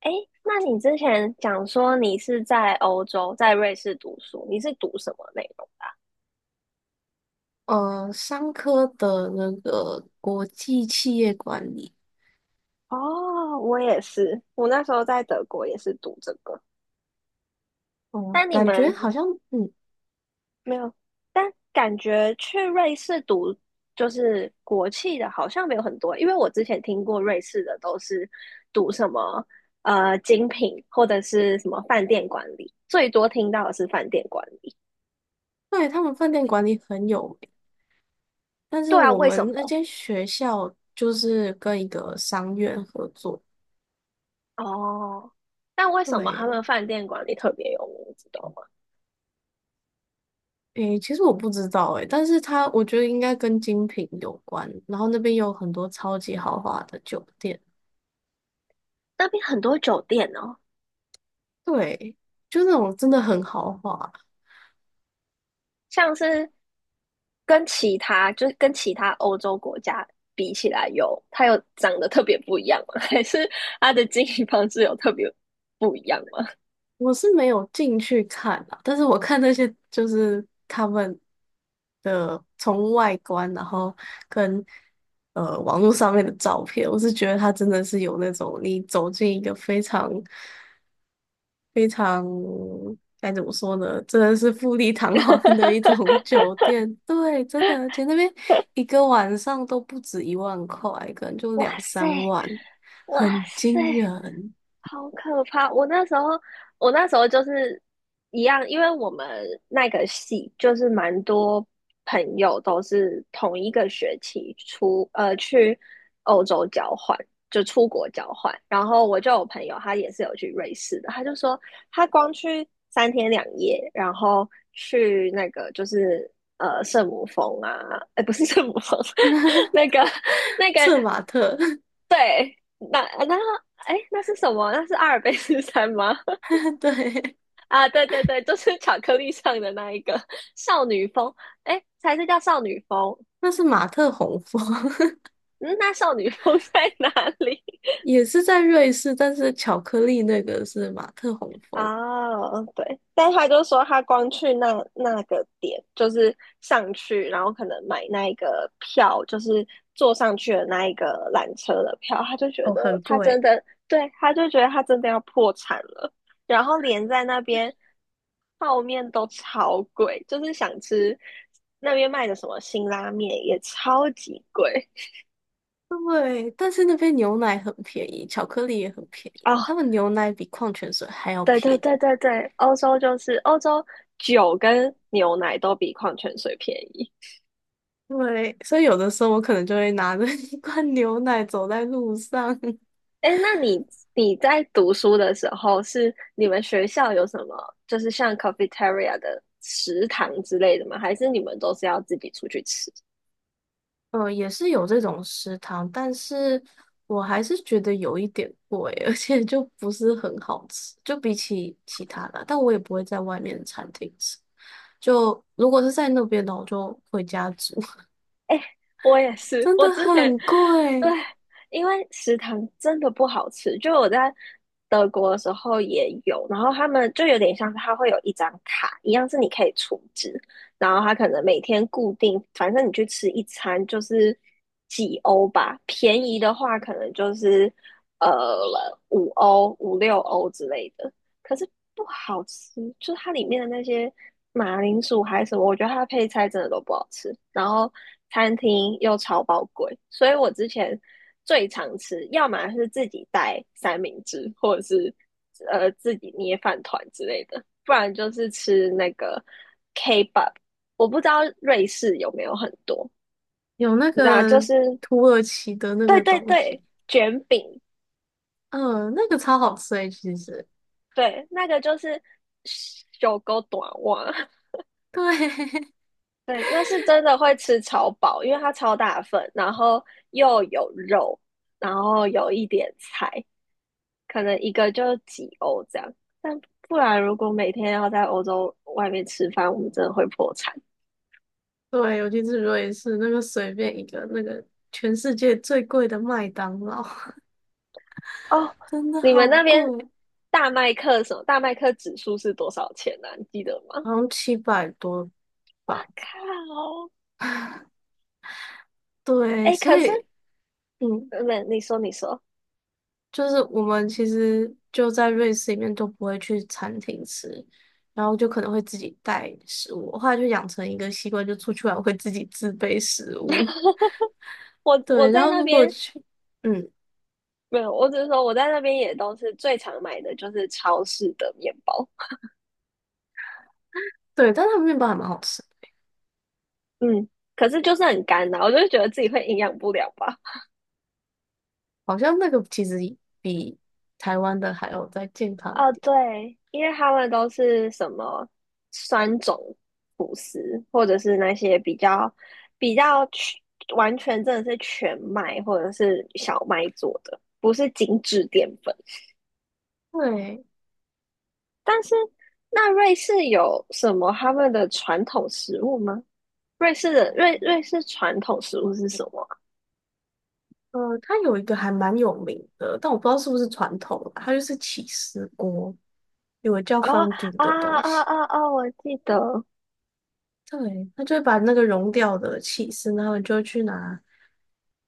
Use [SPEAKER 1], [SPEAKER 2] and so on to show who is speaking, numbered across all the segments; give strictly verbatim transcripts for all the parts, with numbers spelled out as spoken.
[SPEAKER 1] 哎，那你之前讲说你是在欧洲，在瑞士读书，你是读什么内容？
[SPEAKER 2] 呃，商科的那个国际企业管理。
[SPEAKER 1] 哦，我也是，我那时候在德国也是读这个，
[SPEAKER 2] 哦、
[SPEAKER 1] 但你
[SPEAKER 2] 感觉
[SPEAKER 1] 们
[SPEAKER 2] 好像。嗯，
[SPEAKER 1] 没有，但感觉去瑞士读就是国际的，好像没有很多，因为我之前听过瑞士的都是读什么呃精品或者是什么饭店管理，最多听到的是饭店管理。
[SPEAKER 2] 对，他们饭店管理很有名，但是
[SPEAKER 1] 对啊，
[SPEAKER 2] 我
[SPEAKER 1] 为什
[SPEAKER 2] 们
[SPEAKER 1] 么？
[SPEAKER 2] 那间学校就是跟一个商院合作。
[SPEAKER 1] 哦，但为什么他们
[SPEAKER 2] 对，
[SPEAKER 1] 饭店管理特别有名，你知道吗？
[SPEAKER 2] 诶，其实我不知道，诶，但是它我觉得应该跟精品有关，然后那边有很多超级豪华的酒店。
[SPEAKER 1] 那边很多酒店哦，
[SPEAKER 2] 对，就那种真的很豪华。
[SPEAKER 1] 像是跟其他就是跟其他欧洲国家比起来有，它有长得特别不一样吗？还是它的经营方式有特别不一样吗？
[SPEAKER 2] 我是没有进去看啊，但是我看那些就是他们的从外观，然后跟呃网络上面的照片，我是觉得它真的是有那种你走进一个非常非常该怎么说呢，真的是富丽堂皇的一种 酒店，对，真的，而且那边一个晚上都不止一万块，可能就
[SPEAKER 1] 哇
[SPEAKER 2] 两
[SPEAKER 1] 塞，
[SPEAKER 2] 三万，
[SPEAKER 1] 哇
[SPEAKER 2] 很
[SPEAKER 1] 塞！
[SPEAKER 2] 惊人。
[SPEAKER 1] 好可怕！我那时候，我那时候就是一样，因为我们那个系就是蛮多朋友都是同一个学期出，呃，去欧洲交换，就出国交换。然后我就有朋友，他也是有去瑞士的，他就说他光去三天两夜，然后去那个就是呃圣母峰啊，哎，不是圣母峰，那个那个
[SPEAKER 2] 策马特。
[SPEAKER 1] 对，那那哎，那是什么？那是阿尔卑斯山吗？
[SPEAKER 2] 对。
[SPEAKER 1] 啊，对对对，就是巧克力上的那一个少女风，哎，才是叫少女风。
[SPEAKER 2] 那是马特洪峰。
[SPEAKER 1] 嗯，那少女风在哪里？
[SPEAKER 2] 也是在瑞士，但是巧克力那个是马特洪峰。
[SPEAKER 1] 啊，嗯对，但他就说他光去那那个点，就是上去，然后可能买那一个票，就是坐上去的那一个缆车的票，他就觉
[SPEAKER 2] 哦，
[SPEAKER 1] 得
[SPEAKER 2] 很
[SPEAKER 1] 他真
[SPEAKER 2] 贵。
[SPEAKER 1] 的，对，他就觉得他真的要破产了，然后连在那边泡面都超贵，就是想吃那边卖的什么辛拉面也超级贵
[SPEAKER 2] 对，但是那边牛奶很便宜，巧克力也很便宜，
[SPEAKER 1] 哦，
[SPEAKER 2] 他们牛奶比矿泉水还要
[SPEAKER 1] 对
[SPEAKER 2] 便
[SPEAKER 1] 对对
[SPEAKER 2] 宜。
[SPEAKER 1] 对对，欧洲就是欧洲酒跟牛奶都比矿泉水便宜。
[SPEAKER 2] 对，所以有的时候我可能就会拿着一罐牛奶走在路上。
[SPEAKER 1] 哎，那你你在读书的时候，是你们学校有什么，就是像 cafeteria 的食堂之类的吗？还是你们都是要自己出去吃？
[SPEAKER 2] 呃，也是有这种食堂，但是我还是觉得有一点贵，而且就不是很好吃，就比起其他的啊，但我也不会在外面的餐厅吃。就如果是在那边的，我就回家煮。
[SPEAKER 1] 我也是，
[SPEAKER 2] 真
[SPEAKER 1] 我
[SPEAKER 2] 的
[SPEAKER 1] 之前
[SPEAKER 2] 很
[SPEAKER 1] 对，
[SPEAKER 2] 贵。
[SPEAKER 1] 因为食堂真的不好吃，就我在德国的时候也有，然后他们就有点像是他会有一张卡，一样是你可以储值，然后他可能每天固定，反正你去吃一餐就是几欧吧，便宜的话可能就是呃五欧、五六欧之类的。可是不好吃，就是它里面的那些马铃薯还是什么，我觉得它的配菜真的都不好吃。然后餐厅又超爆贵，所以我之前最常吃，要么是自己带三明治，或者是呃自己捏饭团之类的，不然就是吃那个 K-pop。我不知道瑞士有没有很多，
[SPEAKER 2] 有那
[SPEAKER 1] 你知道，就
[SPEAKER 2] 个
[SPEAKER 1] 是
[SPEAKER 2] 土耳其的那
[SPEAKER 1] 对
[SPEAKER 2] 个
[SPEAKER 1] 对
[SPEAKER 2] 东西。
[SPEAKER 1] 对，卷饼，
[SPEAKER 2] 嗯、那个超好吃诶、其实。
[SPEAKER 1] 对，那个就是小狗短袜。
[SPEAKER 2] 对。
[SPEAKER 1] 对，那是真的会吃超饱，因为它超大份，然后又有肉，然后有一点菜，可能一个就几欧这样。但不然，如果每天要在欧洲外面吃饭，我们真的会破产
[SPEAKER 2] 对，尤其是瑞士那个随便一个那个全世界最贵的麦当劳。
[SPEAKER 1] 哦。
[SPEAKER 2] 真的
[SPEAKER 1] 你
[SPEAKER 2] 好
[SPEAKER 1] 们那边
[SPEAKER 2] 贵。
[SPEAKER 1] 大麦克什么？大麦克指数是多少钱呢、啊你记得吗？
[SPEAKER 2] 好像七百多
[SPEAKER 1] 哇
[SPEAKER 2] 吧。
[SPEAKER 1] 靠！
[SPEAKER 2] 对，
[SPEAKER 1] 哎，
[SPEAKER 2] 所
[SPEAKER 1] 可是，
[SPEAKER 2] 以嗯，
[SPEAKER 1] 没，你说，你说，
[SPEAKER 2] 就是我们其实就在瑞士里面都不会去餐厅吃，然后就可能会自己带食物。我后来就养成一个习惯，就出去玩我会自己自备食物。
[SPEAKER 1] 我我
[SPEAKER 2] 对，然
[SPEAKER 1] 在
[SPEAKER 2] 后
[SPEAKER 1] 那
[SPEAKER 2] 如果
[SPEAKER 1] 边
[SPEAKER 2] 去。嗯，
[SPEAKER 1] 没有，我只是说我在那边也都是最常买的就是超市的面包。
[SPEAKER 2] 对，但他们面包还蛮好吃的。
[SPEAKER 1] 嗯，可是就是很干呐、我就觉得自己会营养不良吧。
[SPEAKER 2] 好像那个其实比台湾的还要再健康一
[SPEAKER 1] 哦，
[SPEAKER 2] 点。
[SPEAKER 1] 对，因为他们都是什么酸种吐食，或者是那些比较比较全完全真的是全麦或者是小麦做的，不是精致淀粉。
[SPEAKER 2] 对。
[SPEAKER 1] 但是那瑞士有什么他们的传统食物吗？瑞士的瑞瑞士传统食物是什么
[SPEAKER 2] 呃，它有一个还蛮有名的，但我不知道是不是传统啦，它就是起司锅。有个叫
[SPEAKER 1] 啊？
[SPEAKER 2] 方菌
[SPEAKER 1] 啊
[SPEAKER 2] 的东
[SPEAKER 1] 啊
[SPEAKER 2] 西。
[SPEAKER 1] 啊啊！我记得。
[SPEAKER 2] 对，他就会把那个融掉的起司，然后你就会去拿，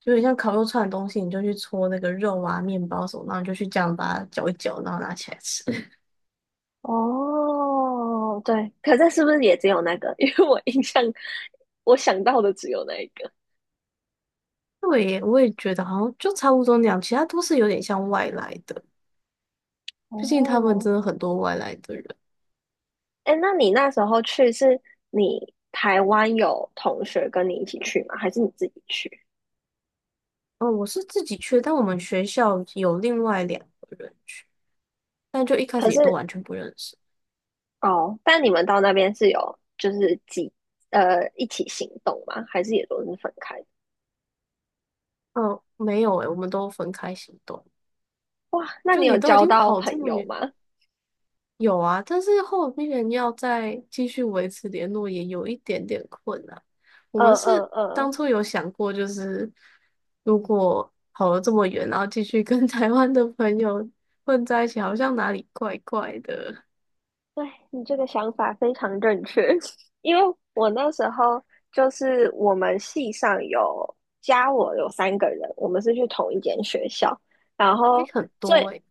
[SPEAKER 2] 就有点像烤肉串的东西，你就去搓那个肉啊、面包什么，然后你就去这样把它搅一搅，然后拿起来吃。
[SPEAKER 1] 哦，对，可这是不是也只有那个？因为我印象我想到的只有那一个。
[SPEAKER 2] 对耶我也觉得好像就差不多那样，其他都是有点像外来的，毕竟他们
[SPEAKER 1] 哦，
[SPEAKER 2] 真的很多外来的人。
[SPEAKER 1] 哎，那你那时候去是你台湾有同学跟你一起去吗？还是你自己去？
[SPEAKER 2] 嗯，我是自己去但我们学校有另外两个人去，但就一开
[SPEAKER 1] 可
[SPEAKER 2] 始也都
[SPEAKER 1] 是
[SPEAKER 2] 完全不认识。
[SPEAKER 1] 哦，但你们到那边是有就是几呃一起行动吗？还是也都是分开的？
[SPEAKER 2] 嗯，没有诶，我们都分开行动。
[SPEAKER 1] 哇，那
[SPEAKER 2] 就
[SPEAKER 1] 你有
[SPEAKER 2] 你都已
[SPEAKER 1] 交
[SPEAKER 2] 经
[SPEAKER 1] 到
[SPEAKER 2] 跑这
[SPEAKER 1] 朋
[SPEAKER 2] 么
[SPEAKER 1] 友
[SPEAKER 2] 远。
[SPEAKER 1] 吗？
[SPEAKER 2] 有啊，但是后面要再继续维持联络也有一点点困难。我
[SPEAKER 1] 嗯
[SPEAKER 2] 们
[SPEAKER 1] 嗯
[SPEAKER 2] 是当
[SPEAKER 1] 嗯，
[SPEAKER 2] 初有想过，就是如果跑了这么远，然后继续跟 台湾的朋友混在一起，好像哪里怪怪的。
[SPEAKER 1] 对，你这个想法非常正确，因为我那时候就是我们系上有加我有三个人，我们是去同一间学校，然
[SPEAKER 2] 诶，
[SPEAKER 1] 后
[SPEAKER 2] 很多
[SPEAKER 1] 最
[SPEAKER 2] 诶。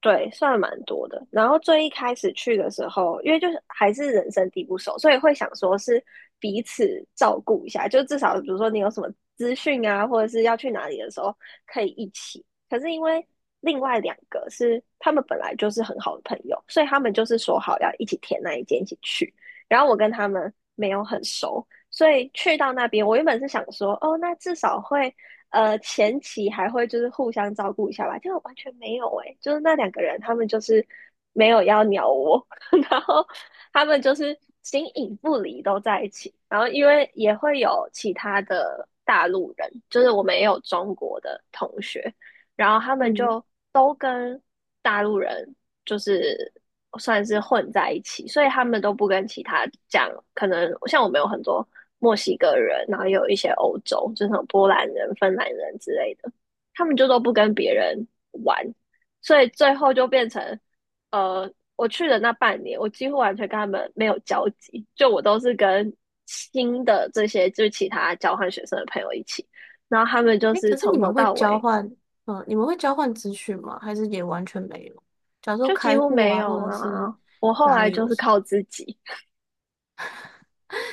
[SPEAKER 1] 对，算蛮多的。然后最一开始去的时候，因为就是还是人生地不熟，所以会想说是彼此照顾一下，就至少比如说你有什么资讯啊，或者是要去哪里的时候可以一起。可是因为另外两个是他们本来就是很好的朋友，所以他们就是说好要一起填那一间一起去。然后我跟他们没有很熟，所以去到那边，我原本是想说，哦，那至少会，呃，前期还会就是互相照顾一下吧，结果完全没有诶、就是那两个人他们就是没有要鸟我，然后他们就是形影不离都在一起，然后因为也会有其他的大陆人，就是我们也有中国的同学，然后他们
[SPEAKER 2] 嗯，
[SPEAKER 1] 就都跟大陆人就是算是混在一起，所以他们都不跟其他讲，可能像我们有很多墨西哥人，然后有一些欧洲，就是那种波兰人、芬兰人之类的，他们就都不跟别人玩，所以最后就变成，呃，我去的那半年，我几乎完全跟他们没有交集，就我都是跟新的这些就是其他交换学生的朋友一起，然后他们就
[SPEAKER 2] 诶，
[SPEAKER 1] 是
[SPEAKER 2] 可是
[SPEAKER 1] 从
[SPEAKER 2] 你
[SPEAKER 1] 头
[SPEAKER 2] 们会
[SPEAKER 1] 到
[SPEAKER 2] 交
[SPEAKER 1] 尾
[SPEAKER 2] 换。嗯，你们会交换资讯吗？还是也完全没有？假如说
[SPEAKER 1] 就几
[SPEAKER 2] 开
[SPEAKER 1] 乎
[SPEAKER 2] 户
[SPEAKER 1] 没
[SPEAKER 2] 啊，
[SPEAKER 1] 有
[SPEAKER 2] 或者是
[SPEAKER 1] 啊，我后
[SPEAKER 2] 哪
[SPEAKER 1] 来
[SPEAKER 2] 里
[SPEAKER 1] 就
[SPEAKER 2] 有。
[SPEAKER 1] 是靠自己，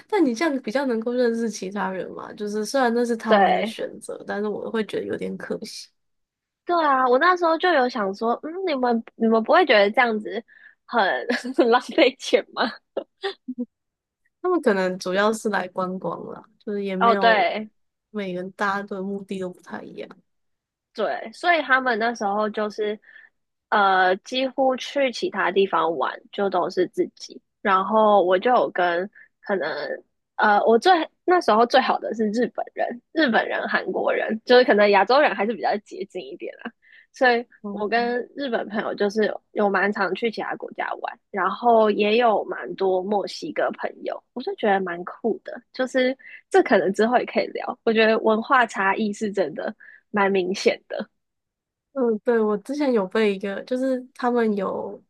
[SPEAKER 2] 但你这样比较能够认识其他人嘛？就是虽然那是他们的
[SPEAKER 1] 对，
[SPEAKER 2] 选择，但是我会觉得有点可惜。
[SPEAKER 1] 对啊，我那时候就有想说，嗯，你们你们不会觉得这样子很 很浪费钱吗？
[SPEAKER 2] 他们可能主要是来观光啦，就是也没
[SPEAKER 1] 哦，
[SPEAKER 2] 有
[SPEAKER 1] 对
[SPEAKER 2] 每个人大家的目的都不太一样。
[SPEAKER 1] 对，所以他们那时候就是呃，几乎去其他地方玩就都是自己，然后我就有跟可能呃，我最那时候最好的是日本人、日本人、韩国人，就是可能亚洲人还是比较接近一点啦，所以我
[SPEAKER 2] 嗯。
[SPEAKER 1] 跟日本朋友就是有蛮常去其他国家玩，然后也有蛮多墨西哥朋友，我就觉得蛮酷的，就是这可能之后也可以聊，我觉得文化差异是真的蛮明显的，
[SPEAKER 2] 嗯，对，我之前有被一个，就是他们有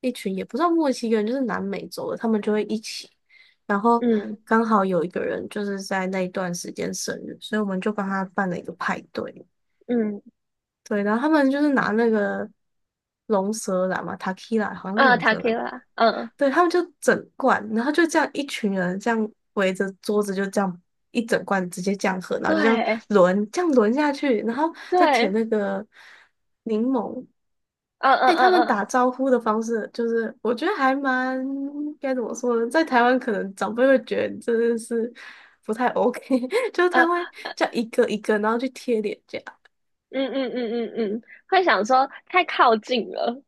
[SPEAKER 2] 一群也不算墨西哥人，就是南美洲的，他们就会一起，然后
[SPEAKER 1] 嗯
[SPEAKER 2] 刚好有一个人就是在那一段时间生日，所以我们就帮他办了一个派对。
[SPEAKER 1] 嗯。
[SPEAKER 2] 对，然后他们就是拿那个龙舌兰嘛 t a k i l a 好像是
[SPEAKER 1] 嗯
[SPEAKER 2] 龙
[SPEAKER 1] t a
[SPEAKER 2] 舌
[SPEAKER 1] k i
[SPEAKER 2] 兰
[SPEAKER 1] l
[SPEAKER 2] 吧。
[SPEAKER 1] a 嗯，
[SPEAKER 2] 对，他们就整罐，然后就这样一群人这样围着桌子，就这样一整罐直接这样喝，然后就这样
[SPEAKER 1] 对
[SPEAKER 2] 轮，这样轮下去，然后再舔
[SPEAKER 1] 对，
[SPEAKER 2] 那个柠檬。
[SPEAKER 1] 嗯嗯
[SPEAKER 2] 哎、他
[SPEAKER 1] 嗯
[SPEAKER 2] 们
[SPEAKER 1] 嗯
[SPEAKER 2] 打招呼的方式，就是我觉得还蛮该怎么说呢，在台湾可能长辈会觉得真的是不太 OK。就是他会
[SPEAKER 1] 嗯
[SPEAKER 2] 叫一个一个，然后去贴脸颊。
[SPEAKER 1] 嗯嗯嗯嗯，嗯会想说太靠近了，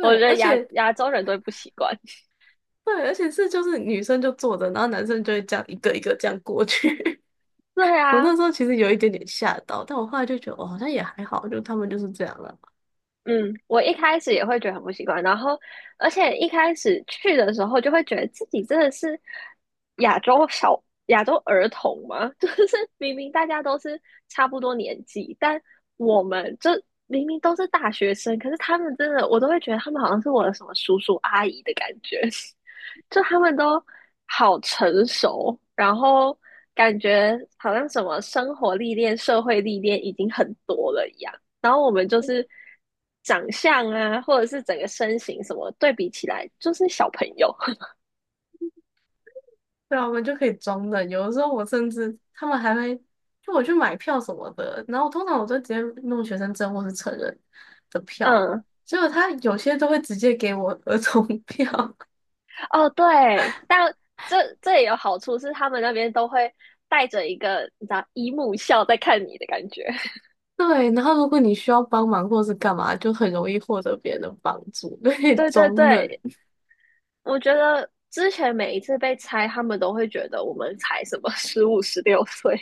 [SPEAKER 1] 我觉得
[SPEAKER 2] 而
[SPEAKER 1] 亚
[SPEAKER 2] 且
[SPEAKER 1] 亚洲人都会不习惯。
[SPEAKER 2] 对，而且是就是女生就坐着，然后男生就会这样一个一个这样过去。
[SPEAKER 1] 对
[SPEAKER 2] 我
[SPEAKER 1] 啊，
[SPEAKER 2] 那时候其实有一点点吓到，但我后来就觉得哦，好像也还好，就他们就是这样了。
[SPEAKER 1] 嗯，我一开始也会觉得很不习惯，然后而且一开始去的时候就会觉得自己真的是亚洲小亚洲儿童嘛，就是明明大家都是差不多年纪，但我们就明明都是大学生，可是他们真的我都会觉得他们好像是我的什么叔叔阿姨的感觉，就他们都好成熟，然后感觉好像什么生活历练、社会历练已经很多了一样。然后我们就是长相啊，或者是整个身形什么对比起来，就是小朋友。
[SPEAKER 2] 对啊，我们就可以装的。有的时候我甚至他们还会就我去买票什么的，然后通常我都直接弄学生证或是成人的票，
[SPEAKER 1] 嗯，
[SPEAKER 2] 结果他有些都会直接给我儿童票。
[SPEAKER 1] 哦对，但这这也有好处，是他们那边都会带着一个你知道姨母笑在看你的感觉。
[SPEAKER 2] 对，然后如果你需要帮忙或是干嘛，就很容易获得别人的帮助，对，
[SPEAKER 1] 对对
[SPEAKER 2] 装嫩。
[SPEAKER 1] 对，我觉得之前每一次被猜，他们都会觉得我们才什么十五、十六岁，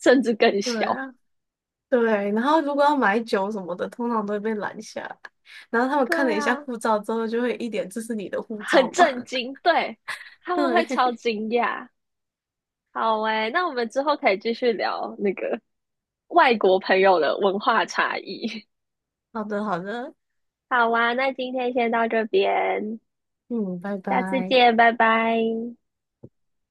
[SPEAKER 1] 甚至更
[SPEAKER 2] 对
[SPEAKER 1] 小。
[SPEAKER 2] 啊。对，然后如果要买酒什么的，通常都会被拦下来然后他们
[SPEAKER 1] 对
[SPEAKER 2] 看了一下
[SPEAKER 1] 啊，
[SPEAKER 2] 护照之后，就会一脸"这是你的护
[SPEAKER 1] 很
[SPEAKER 2] 照吗？"
[SPEAKER 1] 震 惊，对，他们会超
[SPEAKER 2] 对，
[SPEAKER 1] 惊讶。好诶，那我们之后可以继续聊那个外国朋友的文化差异。
[SPEAKER 2] 好的，好的，
[SPEAKER 1] 好啊，那今天先到这边，
[SPEAKER 2] 嗯，拜
[SPEAKER 1] 下次
[SPEAKER 2] 拜。
[SPEAKER 1] 见，拜拜。